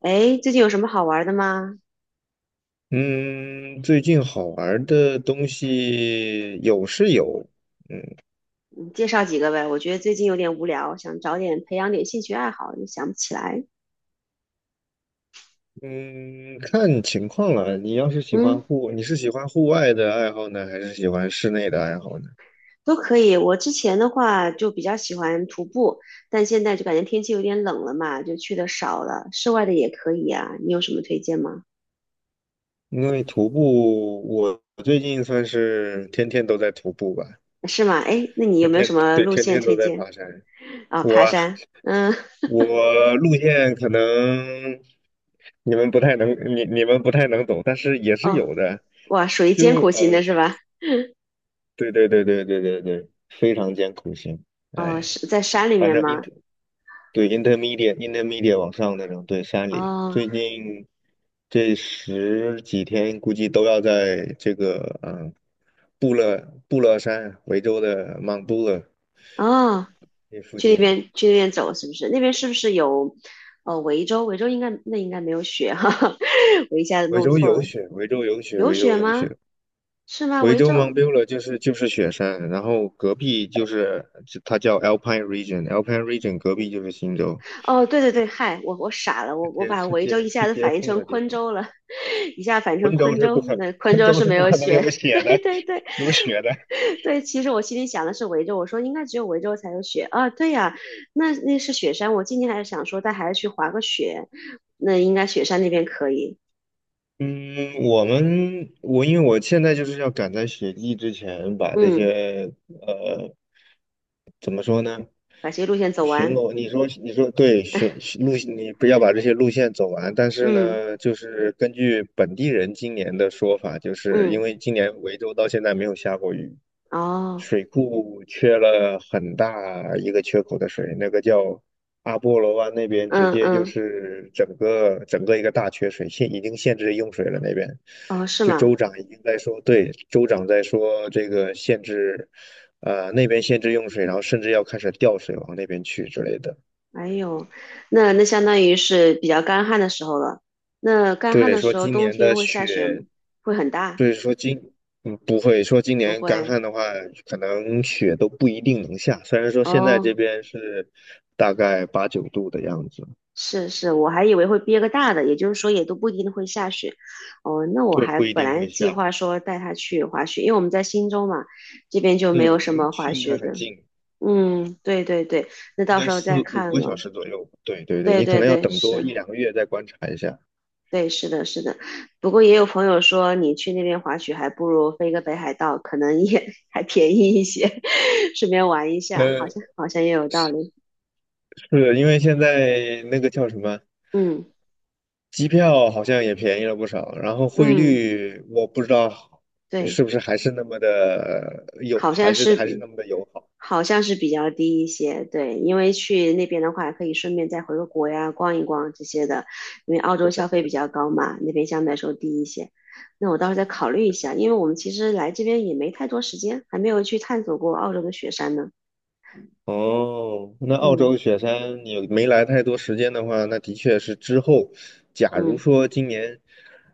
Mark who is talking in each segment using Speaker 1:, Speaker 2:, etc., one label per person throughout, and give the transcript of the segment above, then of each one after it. Speaker 1: 哎，最近有什么好玩的吗？
Speaker 2: 嗯，最近好玩儿的东西有是有。
Speaker 1: 你介绍几个呗。我觉得最近有点无聊，想找点培养点兴趣爱好，又想不起来。
Speaker 2: 嗯，看情况了。
Speaker 1: 嗯，
Speaker 2: 你是喜欢户外的爱好呢，还是喜欢室内的爱好呢？
Speaker 1: 都可以。我之前的话就比较喜欢徒步，但现在就感觉天气有点冷了嘛，就去的少了。室外的也可以啊，你有什么推荐吗？
Speaker 2: 因为徒步，我最近算是天天都在徒步吧，
Speaker 1: 是吗？哎，那你有
Speaker 2: 天
Speaker 1: 没有什
Speaker 2: 天，
Speaker 1: 么
Speaker 2: 对，
Speaker 1: 路
Speaker 2: 天
Speaker 1: 线
Speaker 2: 天都
Speaker 1: 推
Speaker 2: 在
Speaker 1: 荐？
Speaker 2: 爬山。
Speaker 1: 啊、爬
Speaker 2: 我
Speaker 1: 山。嗯，
Speaker 2: 我路线可能你们不太能，你们不太能懂，但是也是
Speaker 1: 哦，
Speaker 2: 有的。
Speaker 1: 哇，属于艰
Speaker 2: 就
Speaker 1: 苦型的
Speaker 2: 呃，
Speaker 1: 是吧？
Speaker 2: 对对对对对对对，非常艰苦型。
Speaker 1: 哦，
Speaker 2: 哎，
Speaker 1: 是在山里
Speaker 2: 反
Speaker 1: 面
Speaker 2: 正
Speaker 1: 吗？
Speaker 2: 对 intermediate 往上那种，对山里
Speaker 1: 哦。
Speaker 2: 最近这十几天估计都要在这个布勒山，维州的 m o u
Speaker 1: 哦，
Speaker 2: 那附
Speaker 1: 去那
Speaker 2: 近。
Speaker 1: 边去那边走，是不是？那边是不是有维州？维州应该那应该没有雪哈哈，我一下子
Speaker 2: 维
Speaker 1: 弄
Speaker 2: 州
Speaker 1: 错
Speaker 2: 有
Speaker 1: 了，
Speaker 2: 雪，维州有雪，
Speaker 1: 有
Speaker 2: 维州
Speaker 1: 雪
Speaker 2: 有
Speaker 1: 吗？
Speaker 2: 雪。
Speaker 1: 是吗？
Speaker 2: 维
Speaker 1: 维
Speaker 2: 州 m o
Speaker 1: 州？
Speaker 2: u 就是雪山，然后隔壁就是它叫 Alpine Region，Alpine Region 隔壁就是新州，
Speaker 1: 哦，对对对，嗨，我傻了，我
Speaker 2: 是
Speaker 1: 我
Speaker 2: 接
Speaker 1: 把
Speaker 2: 是
Speaker 1: 维州
Speaker 2: 接
Speaker 1: 一下
Speaker 2: 是
Speaker 1: 子
Speaker 2: 接
Speaker 1: 反应
Speaker 2: 缝
Speaker 1: 成
Speaker 2: 的地
Speaker 1: 昆
Speaker 2: 方。
Speaker 1: 州了，一下反应成昆州，那昆
Speaker 2: 昆
Speaker 1: 州
Speaker 2: 州
Speaker 1: 是
Speaker 2: 是
Speaker 1: 没
Speaker 2: 不
Speaker 1: 有
Speaker 2: 可能
Speaker 1: 雪，
Speaker 2: 有
Speaker 1: 对
Speaker 2: 雪的，
Speaker 1: 对对。
Speaker 2: 有雪的。
Speaker 1: 对，其实我心里想的是维州，我说应该只有维州才有雪啊。对呀、那是雪山，我今天还是想说带孩子去滑个雪，那应该雪山那边可以。
Speaker 2: 嗯，我因为我现在就是要赶在雪季之前把这
Speaker 1: 嗯。
Speaker 2: 些。呃怎么说呢？
Speaker 1: 把这些路线走
Speaker 2: 巡
Speaker 1: 完。
Speaker 2: 逻，你说对，巡路你不要把这些路线走完。但是
Speaker 1: 嗯
Speaker 2: 呢，就是根据本地人今年的说法，就是因
Speaker 1: 嗯，
Speaker 2: 为今年维州到现在没有下过雨，
Speaker 1: 哦，
Speaker 2: 水库缺了很大一个缺口的水，那个叫阿波罗湾那边，直
Speaker 1: 嗯
Speaker 2: 接就
Speaker 1: 嗯，
Speaker 2: 是整个一个大缺水，已经限制用水了那边。
Speaker 1: 哦，是
Speaker 2: 就
Speaker 1: 吗？
Speaker 2: 州长已经在说，对，州长在说这个限制，那边限制用水，然后甚至要开始调水往那边去之类的。
Speaker 1: 哎呦，那相当于是比较干旱的时候了。那干旱
Speaker 2: 对，
Speaker 1: 的
Speaker 2: 说
Speaker 1: 时候，
Speaker 2: 今
Speaker 1: 冬
Speaker 2: 年
Speaker 1: 天
Speaker 2: 的
Speaker 1: 会下雪吗？
Speaker 2: 雪，
Speaker 1: 会很大？
Speaker 2: 对，说今，嗯，不会说今
Speaker 1: 不
Speaker 2: 年干
Speaker 1: 会。
Speaker 2: 旱的话，可能雪都不一定能下。虽然说现在这
Speaker 1: 哦，
Speaker 2: 边是大概八九度的样子，
Speaker 1: 是是，我还以为会憋个大的，也就是说也都不一定会下雪。哦，那我
Speaker 2: 对，
Speaker 1: 还
Speaker 2: 不一
Speaker 1: 本
Speaker 2: 定
Speaker 1: 来
Speaker 2: 会
Speaker 1: 计
Speaker 2: 下。
Speaker 1: 划说带他去滑雪，因为我们在忻州嘛，这边就没有
Speaker 2: 嗯，
Speaker 1: 什
Speaker 2: 你们
Speaker 1: 么
Speaker 2: 去
Speaker 1: 滑
Speaker 2: 应该
Speaker 1: 雪的。
Speaker 2: 很近，
Speaker 1: 嗯，对对对，那
Speaker 2: 应
Speaker 1: 到
Speaker 2: 该
Speaker 1: 时候再
Speaker 2: 四
Speaker 1: 看
Speaker 2: 五个小
Speaker 1: 了。
Speaker 2: 时左右。对对对，
Speaker 1: 对
Speaker 2: 你可
Speaker 1: 对
Speaker 2: 能要
Speaker 1: 对，
Speaker 2: 等多
Speaker 1: 是。
Speaker 2: 一两个月再观察一下。
Speaker 1: 对，是的，是的。不过也有朋友说，你去那边滑雪还不如飞个北海道，可能也 还便宜一些，顺便玩一下，好
Speaker 2: 呃，
Speaker 1: 像好像也有道理。
Speaker 2: 是因为现在那个叫什么？
Speaker 1: 嗯
Speaker 2: 机票好像也便宜了不少，然后汇
Speaker 1: 嗯，
Speaker 2: 率我不知道是
Speaker 1: 对，
Speaker 2: 不是还是那么的友，
Speaker 1: 好
Speaker 2: 还
Speaker 1: 像
Speaker 2: 是
Speaker 1: 是
Speaker 2: 还是
Speaker 1: 比
Speaker 2: 那么的友好。
Speaker 1: 好像是比较低一些。对，因为去那边的话，可以顺便再回个国呀，逛一逛这些的。因为澳洲消费比较高嘛，那边相对来说低一些。那我到时候再考虑一下，因为我们其实来这边也没太多时间，还没有去探索过澳洲的雪山呢。
Speaker 2: 哦，那澳洲
Speaker 1: 嗯
Speaker 2: 雪山你没来太多时间的话，那的确是之后，假如
Speaker 1: 嗯。
Speaker 2: 说今年，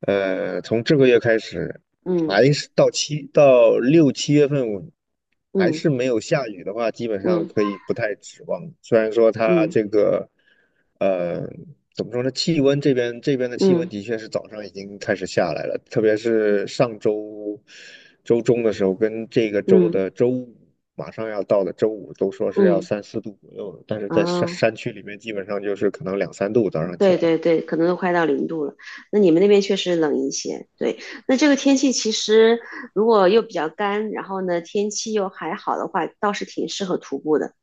Speaker 2: 从这个月开始，
Speaker 1: 嗯
Speaker 2: 还是到六七月份，我还
Speaker 1: 嗯
Speaker 2: 是没有下雨的话，基本上
Speaker 1: 嗯
Speaker 2: 可以不太指望。虽然说它
Speaker 1: 嗯
Speaker 2: 这个，呃，怎么说呢？气温这边的气温
Speaker 1: 嗯
Speaker 2: 的确是早上已经开始下来了，特别是上周周中的时候，跟这个周
Speaker 1: 嗯
Speaker 2: 的周五。马上要到的周五都说是要
Speaker 1: 嗯，
Speaker 2: 三四度左右的，但是在山
Speaker 1: 哦，
Speaker 2: 山区里面，基本上就是可能两三度早上起
Speaker 1: 对
Speaker 2: 来。
Speaker 1: 对对，可能都快到0度了。那你们那边确实冷一些，对。那这个天气其实如果又比较干，然后呢天气又还好的话，倒是挺适合徒步的。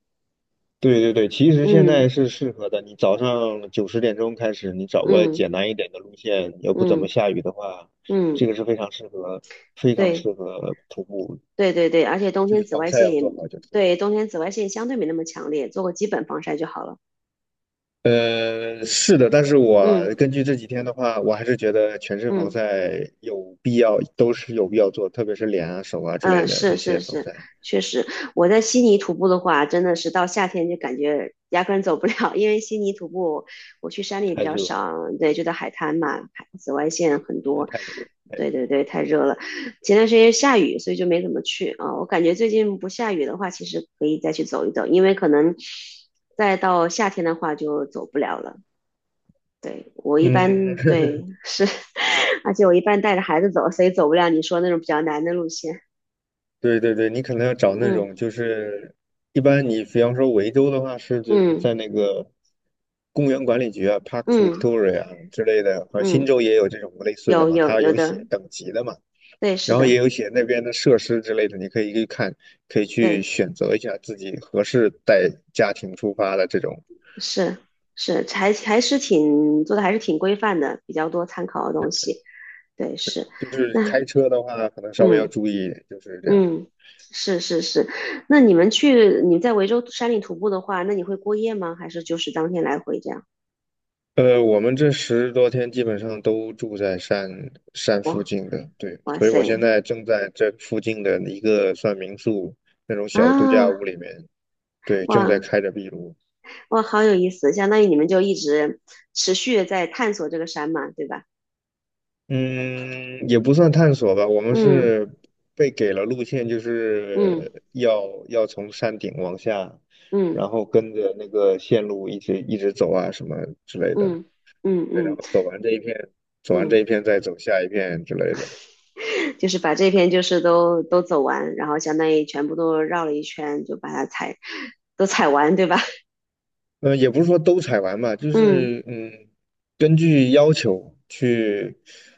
Speaker 2: 对对对，其实现在
Speaker 1: 嗯
Speaker 2: 是适合的。你早上九十点钟开始，你找个
Speaker 1: 嗯
Speaker 2: 简单一点的路线，又不怎么
Speaker 1: 嗯
Speaker 2: 下雨的话，这
Speaker 1: 嗯，
Speaker 2: 个是非常适合，非常
Speaker 1: 对
Speaker 2: 适合徒步，
Speaker 1: 对对对，而且冬
Speaker 2: 就
Speaker 1: 天
Speaker 2: 是
Speaker 1: 紫
Speaker 2: 防
Speaker 1: 外
Speaker 2: 晒
Speaker 1: 线
Speaker 2: 要
Speaker 1: 也，
Speaker 2: 做好就是。
Speaker 1: 对，冬天紫外线相对没那么强烈，做个基本防晒就好了。
Speaker 2: 是的，但是我
Speaker 1: 嗯
Speaker 2: 根据这几天的话，我还是觉得全身防
Speaker 1: 嗯。
Speaker 2: 晒有必要，都是有必要做，特别是脸啊、手啊之类
Speaker 1: 嗯，
Speaker 2: 的
Speaker 1: 是
Speaker 2: 这
Speaker 1: 是
Speaker 2: 些防
Speaker 1: 是，
Speaker 2: 晒，
Speaker 1: 确实，我在悉尼徒步的话，真的是到夏天就感觉压根走不了，因为悉尼徒步我去山里比
Speaker 2: 太
Speaker 1: 较
Speaker 2: 热
Speaker 1: 少，对，就在海滩嘛，海紫外线很多，
Speaker 2: 太热了，太热
Speaker 1: 对对
Speaker 2: 了。
Speaker 1: 对，太热了。前段时间下雨，所以就没怎么去啊。我感觉最近不下雨的话，其实可以再去走一走，因为可能再到夏天的话就走不了了。对，我一
Speaker 2: 嗯，
Speaker 1: 般，对，是，而且我一般带着孩子走，所以走不了你说那种比较难的路线。
Speaker 2: 对对对，你可能要找那
Speaker 1: 嗯。
Speaker 2: 种就是，一般你比方说维州的话，是指你
Speaker 1: 嗯
Speaker 2: 在那个公园管理局啊，Parks
Speaker 1: 嗯
Speaker 2: Victoria 啊之类的，或者
Speaker 1: 嗯，
Speaker 2: 新州也有这种类似的
Speaker 1: 有
Speaker 2: 嘛，
Speaker 1: 有
Speaker 2: 它
Speaker 1: 有
Speaker 2: 有
Speaker 1: 的，
Speaker 2: 写等级的嘛，
Speaker 1: 对，是
Speaker 2: 然后也
Speaker 1: 的，
Speaker 2: 有写那边的设施之类的，你可以去看，可以去
Speaker 1: 对，
Speaker 2: 选择一下自己合适带家庭出发的这种。
Speaker 1: 是是，还是挺做的，还是挺规范的，比较多参考的东西，对，是，
Speaker 2: 就是
Speaker 1: 那
Speaker 2: 开车的话，可能稍微要
Speaker 1: 嗯
Speaker 2: 注意，就是这样。
Speaker 1: 嗯，是是是，那你们去你在维州山里徒步的话，那你会过夜吗？还是就是当天来回这样？
Speaker 2: 我们这十多天基本上都住在山附近的，对，
Speaker 1: 哇
Speaker 2: 所以我
Speaker 1: 塞
Speaker 2: 现在正在这附近的一个算民宿那种小度假屋
Speaker 1: 啊，
Speaker 2: 里面，对，
Speaker 1: 哇
Speaker 2: 正在开着壁炉。
Speaker 1: 哇，好有意思，相当于你们就一直持续的在探索这个山嘛，对吧？
Speaker 2: 嗯，也不算探索吧，我们
Speaker 1: 嗯
Speaker 2: 是被给了路线，就
Speaker 1: 嗯
Speaker 2: 是要从山顶往下，
Speaker 1: 嗯
Speaker 2: 然后跟着那个线路一直一直走啊什么之类的，
Speaker 1: 嗯嗯
Speaker 2: 对，然
Speaker 1: 嗯
Speaker 2: 后
Speaker 1: 嗯
Speaker 2: 走完这一片，走完
Speaker 1: 嗯。
Speaker 2: 这一片再走下一片之类的。
Speaker 1: 就是把这篇就是都走完，然后相当于全部都绕了一圈，就把它踩都踩完，对吧？
Speaker 2: 嗯，也不是说都采完吧，就
Speaker 1: 嗯，
Speaker 2: 是嗯，根据要求去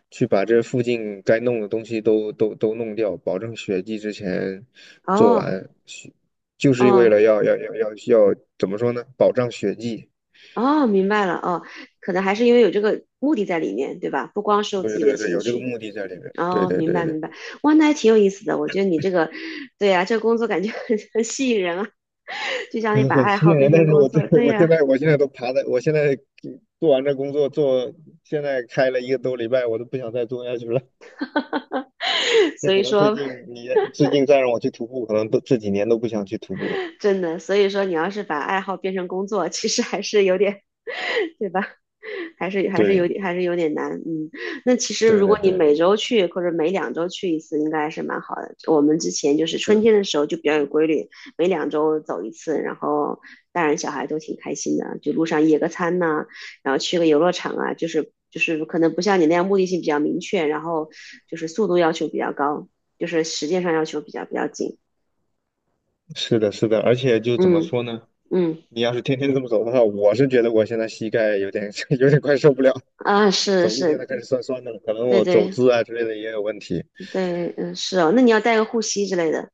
Speaker 2: 去把这附近该弄的东西都弄掉，保证血迹之前做
Speaker 1: 哦
Speaker 2: 完。雪就是为
Speaker 1: 哦
Speaker 2: 了要要要要要怎么说呢？保障血迹。
Speaker 1: 哦，明白了哦，可能还是因为有这个目的在里面，对吧？不光是我自
Speaker 2: 对
Speaker 1: 己的
Speaker 2: 对对，
Speaker 1: 兴
Speaker 2: 有这个
Speaker 1: 趣。
Speaker 2: 目的在里面。对
Speaker 1: 哦，
Speaker 2: 对
Speaker 1: 明
Speaker 2: 对
Speaker 1: 白
Speaker 2: 对，
Speaker 1: 明白，哇，那还挺有意思的。我觉得你这个，对呀、这个工作感觉 很吸引人啊，就 像你
Speaker 2: 嗯，
Speaker 1: 把
Speaker 2: 很
Speaker 1: 爱
Speaker 2: 吸
Speaker 1: 好
Speaker 2: 引人。
Speaker 1: 变
Speaker 2: 但
Speaker 1: 成
Speaker 2: 是
Speaker 1: 工
Speaker 2: 我在
Speaker 1: 作，对
Speaker 2: 我现
Speaker 1: 呀、
Speaker 2: 在我现在都爬在，我现在做完这工作做，现在开了一个多礼拜，我都不想再做下去了。那
Speaker 1: 所
Speaker 2: 可
Speaker 1: 以
Speaker 2: 能最
Speaker 1: 说
Speaker 2: 近你最近再让我去徒步，可能都这几年都不想去徒步了。
Speaker 1: 真的，所以说你要是把爱好变成工作，其实还是有点，对吧？还是有
Speaker 2: 对，
Speaker 1: 点还是有点难，嗯。那其实
Speaker 2: 对
Speaker 1: 如果
Speaker 2: 的，
Speaker 1: 你
Speaker 2: 对的，
Speaker 1: 每周去或者每两周去一次，应该是蛮好的。我们之前就是春
Speaker 2: 是，
Speaker 1: 天的时候就比较有规律，每两周走一次，然后大人小孩都挺开心的，就路上野个餐呐、然后去个游乐场啊，就是可能不像你那样目的性比较明确，然后就是速度要求比较高，就是时间上要求比较紧，
Speaker 2: 是的，是的。而且就怎么
Speaker 1: 嗯
Speaker 2: 说呢？
Speaker 1: 嗯。
Speaker 2: 你要是天天这么走的话，我是觉得我现在膝盖有点 有点快受不了，
Speaker 1: 啊，是
Speaker 2: 走路现
Speaker 1: 是，
Speaker 2: 在开始酸酸的了，可能
Speaker 1: 对
Speaker 2: 我走
Speaker 1: 对
Speaker 2: 姿啊之类的也有问题。
Speaker 1: 对，嗯，是哦，那你要带个护膝之类的，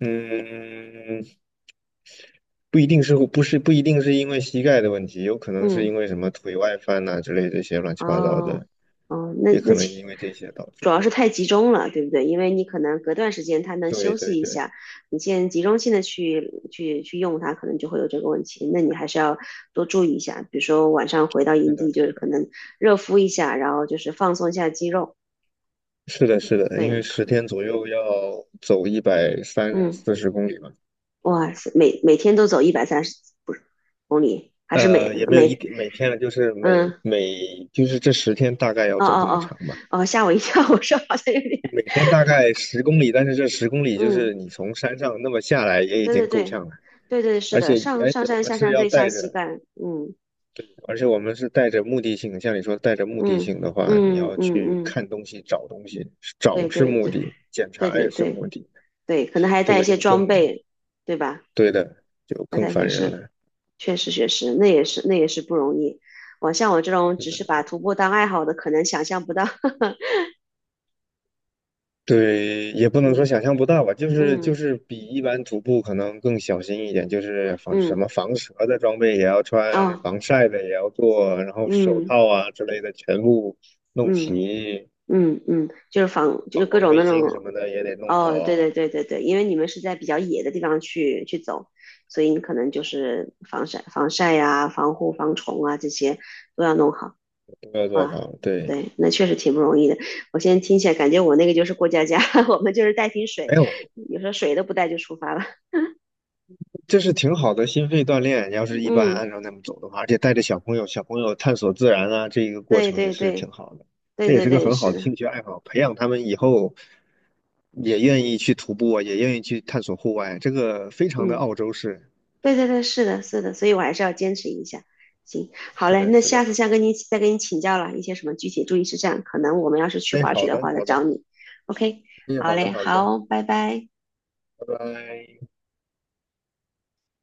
Speaker 2: 嗯，不一定是因为膝盖的问题，有可能是
Speaker 1: 嗯，
Speaker 2: 因为什么腿外翻呐、之类这些乱七八糟
Speaker 1: 哦，
Speaker 2: 的，
Speaker 1: 哦，那
Speaker 2: 也可
Speaker 1: 那
Speaker 2: 能因为这些导
Speaker 1: 主
Speaker 2: 致。
Speaker 1: 要是太集中了，对不对？因为你可能隔段时间他能
Speaker 2: 对
Speaker 1: 休
Speaker 2: 对
Speaker 1: 息一
Speaker 2: 对，
Speaker 1: 下，你现在集中性的去用它，可能就会有这个问题。那你还是要多注意一下，比如说晚上回到
Speaker 2: 是
Speaker 1: 营
Speaker 2: 的，
Speaker 1: 地，就是可能热敷一下，然后就是放松一下肌肉，
Speaker 2: 是的，是的，因
Speaker 1: 对，
Speaker 2: 为十天左右要走一百三
Speaker 1: 嗯，
Speaker 2: 四十公里嘛。
Speaker 1: 哇塞，每天都走130不是公里，还是每
Speaker 2: 也没有一
Speaker 1: 每。
Speaker 2: 天每天了，就是
Speaker 1: 嗯，
Speaker 2: 就是这十天大概要
Speaker 1: 哦
Speaker 2: 走
Speaker 1: 哦
Speaker 2: 这么
Speaker 1: 哦
Speaker 2: 长吧，
Speaker 1: 哦，吓我一跳！我说好像有点
Speaker 2: 每天大概十公里，但是这十公 里就是
Speaker 1: 嗯，
Speaker 2: 你从山上那么下来也已
Speaker 1: 对
Speaker 2: 经
Speaker 1: 对
Speaker 2: 够
Speaker 1: 对，
Speaker 2: 呛了。
Speaker 1: 对对是
Speaker 2: 而
Speaker 1: 的，
Speaker 2: 且
Speaker 1: 上
Speaker 2: 而
Speaker 1: 上
Speaker 2: 且我
Speaker 1: 山
Speaker 2: 们
Speaker 1: 下
Speaker 2: 是
Speaker 1: 山
Speaker 2: 要
Speaker 1: 最伤
Speaker 2: 带
Speaker 1: 膝
Speaker 2: 着，
Speaker 1: 盖，嗯
Speaker 2: 而且我们是带着目的性。像你说带着目的
Speaker 1: 嗯
Speaker 2: 性的话，你
Speaker 1: 嗯
Speaker 2: 要
Speaker 1: 嗯
Speaker 2: 去
Speaker 1: 嗯，
Speaker 2: 看东西、找东西，
Speaker 1: 对
Speaker 2: 找是
Speaker 1: 对
Speaker 2: 目
Speaker 1: 对
Speaker 2: 的，检
Speaker 1: 对
Speaker 2: 查
Speaker 1: 对
Speaker 2: 也是目
Speaker 1: 对
Speaker 2: 的。
Speaker 1: 对，可能还
Speaker 2: 这
Speaker 1: 带一
Speaker 2: 个
Speaker 1: 些
Speaker 2: 就更，
Speaker 1: 装备，对吧？
Speaker 2: 对的，就
Speaker 1: 还
Speaker 2: 更
Speaker 1: 带一
Speaker 2: 烦
Speaker 1: 些
Speaker 2: 人
Speaker 1: 设，
Speaker 2: 了。
Speaker 1: 确实确实，那也是不容易。像我这种只是把徒步当爱好的，可能想象不到。
Speaker 2: 对，也不能说
Speaker 1: 嗯
Speaker 2: 想象不到吧，就是就
Speaker 1: 嗯
Speaker 2: 是比一般徒步可能更小心一点，就是防什
Speaker 1: 嗯，
Speaker 2: 么防蛇的装备也要穿，
Speaker 1: 哦，
Speaker 2: 防晒的也要做，然后手
Speaker 1: 嗯
Speaker 2: 套啊之类的全部弄
Speaker 1: 嗯。
Speaker 2: 齐，
Speaker 1: 嗯嗯，就是防就是
Speaker 2: 反
Speaker 1: 各
Speaker 2: 光
Speaker 1: 种
Speaker 2: 背
Speaker 1: 那
Speaker 2: 心什
Speaker 1: 种，
Speaker 2: 么的也得弄好，
Speaker 1: 哦，对
Speaker 2: 啊，
Speaker 1: 对对对对，因为你们是在比较野的地方去走，所以你可能就是防晒呀、防护、防虫啊这些都要弄好
Speaker 2: 都要做
Speaker 1: 啊。
Speaker 2: 好。对，
Speaker 1: 对，那确实挺不容易的。我现在听起来感觉我那个就是过家家，我们就是带瓶水，
Speaker 2: 没有，
Speaker 1: 有时候水都不带就出发了。
Speaker 2: 这是挺好的心肺锻炼，要是 一般按
Speaker 1: 嗯，
Speaker 2: 照那么走的话，而且带着小朋友，小朋友探索自然啊，这一个过
Speaker 1: 对
Speaker 2: 程也
Speaker 1: 对
Speaker 2: 是
Speaker 1: 对
Speaker 2: 挺好的，
Speaker 1: 对
Speaker 2: 这也
Speaker 1: 对
Speaker 2: 是个
Speaker 1: 对，
Speaker 2: 很
Speaker 1: 是
Speaker 2: 好的
Speaker 1: 的，
Speaker 2: 兴趣爱好，培养他们以后也愿意去徒步啊，也愿意去探索户外，这个非常的
Speaker 1: 嗯。
Speaker 2: 澳洲式。
Speaker 1: 对对对，是的，是的，所以我还是要坚持一下。行，好
Speaker 2: 是
Speaker 1: 嘞，
Speaker 2: 的，
Speaker 1: 那
Speaker 2: 是
Speaker 1: 下
Speaker 2: 的，
Speaker 1: 次再跟你请教了一些什么具体注意事项，可能我们要是去
Speaker 2: 哎，
Speaker 1: 滑雪
Speaker 2: 好
Speaker 1: 的
Speaker 2: 的，
Speaker 1: 话再
Speaker 2: 好的，
Speaker 1: 找你。OK，
Speaker 2: 哎，
Speaker 1: 好
Speaker 2: 好的，
Speaker 1: 嘞，
Speaker 2: 好的，
Speaker 1: 好，拜拜。
Speaker 2: 拜拜。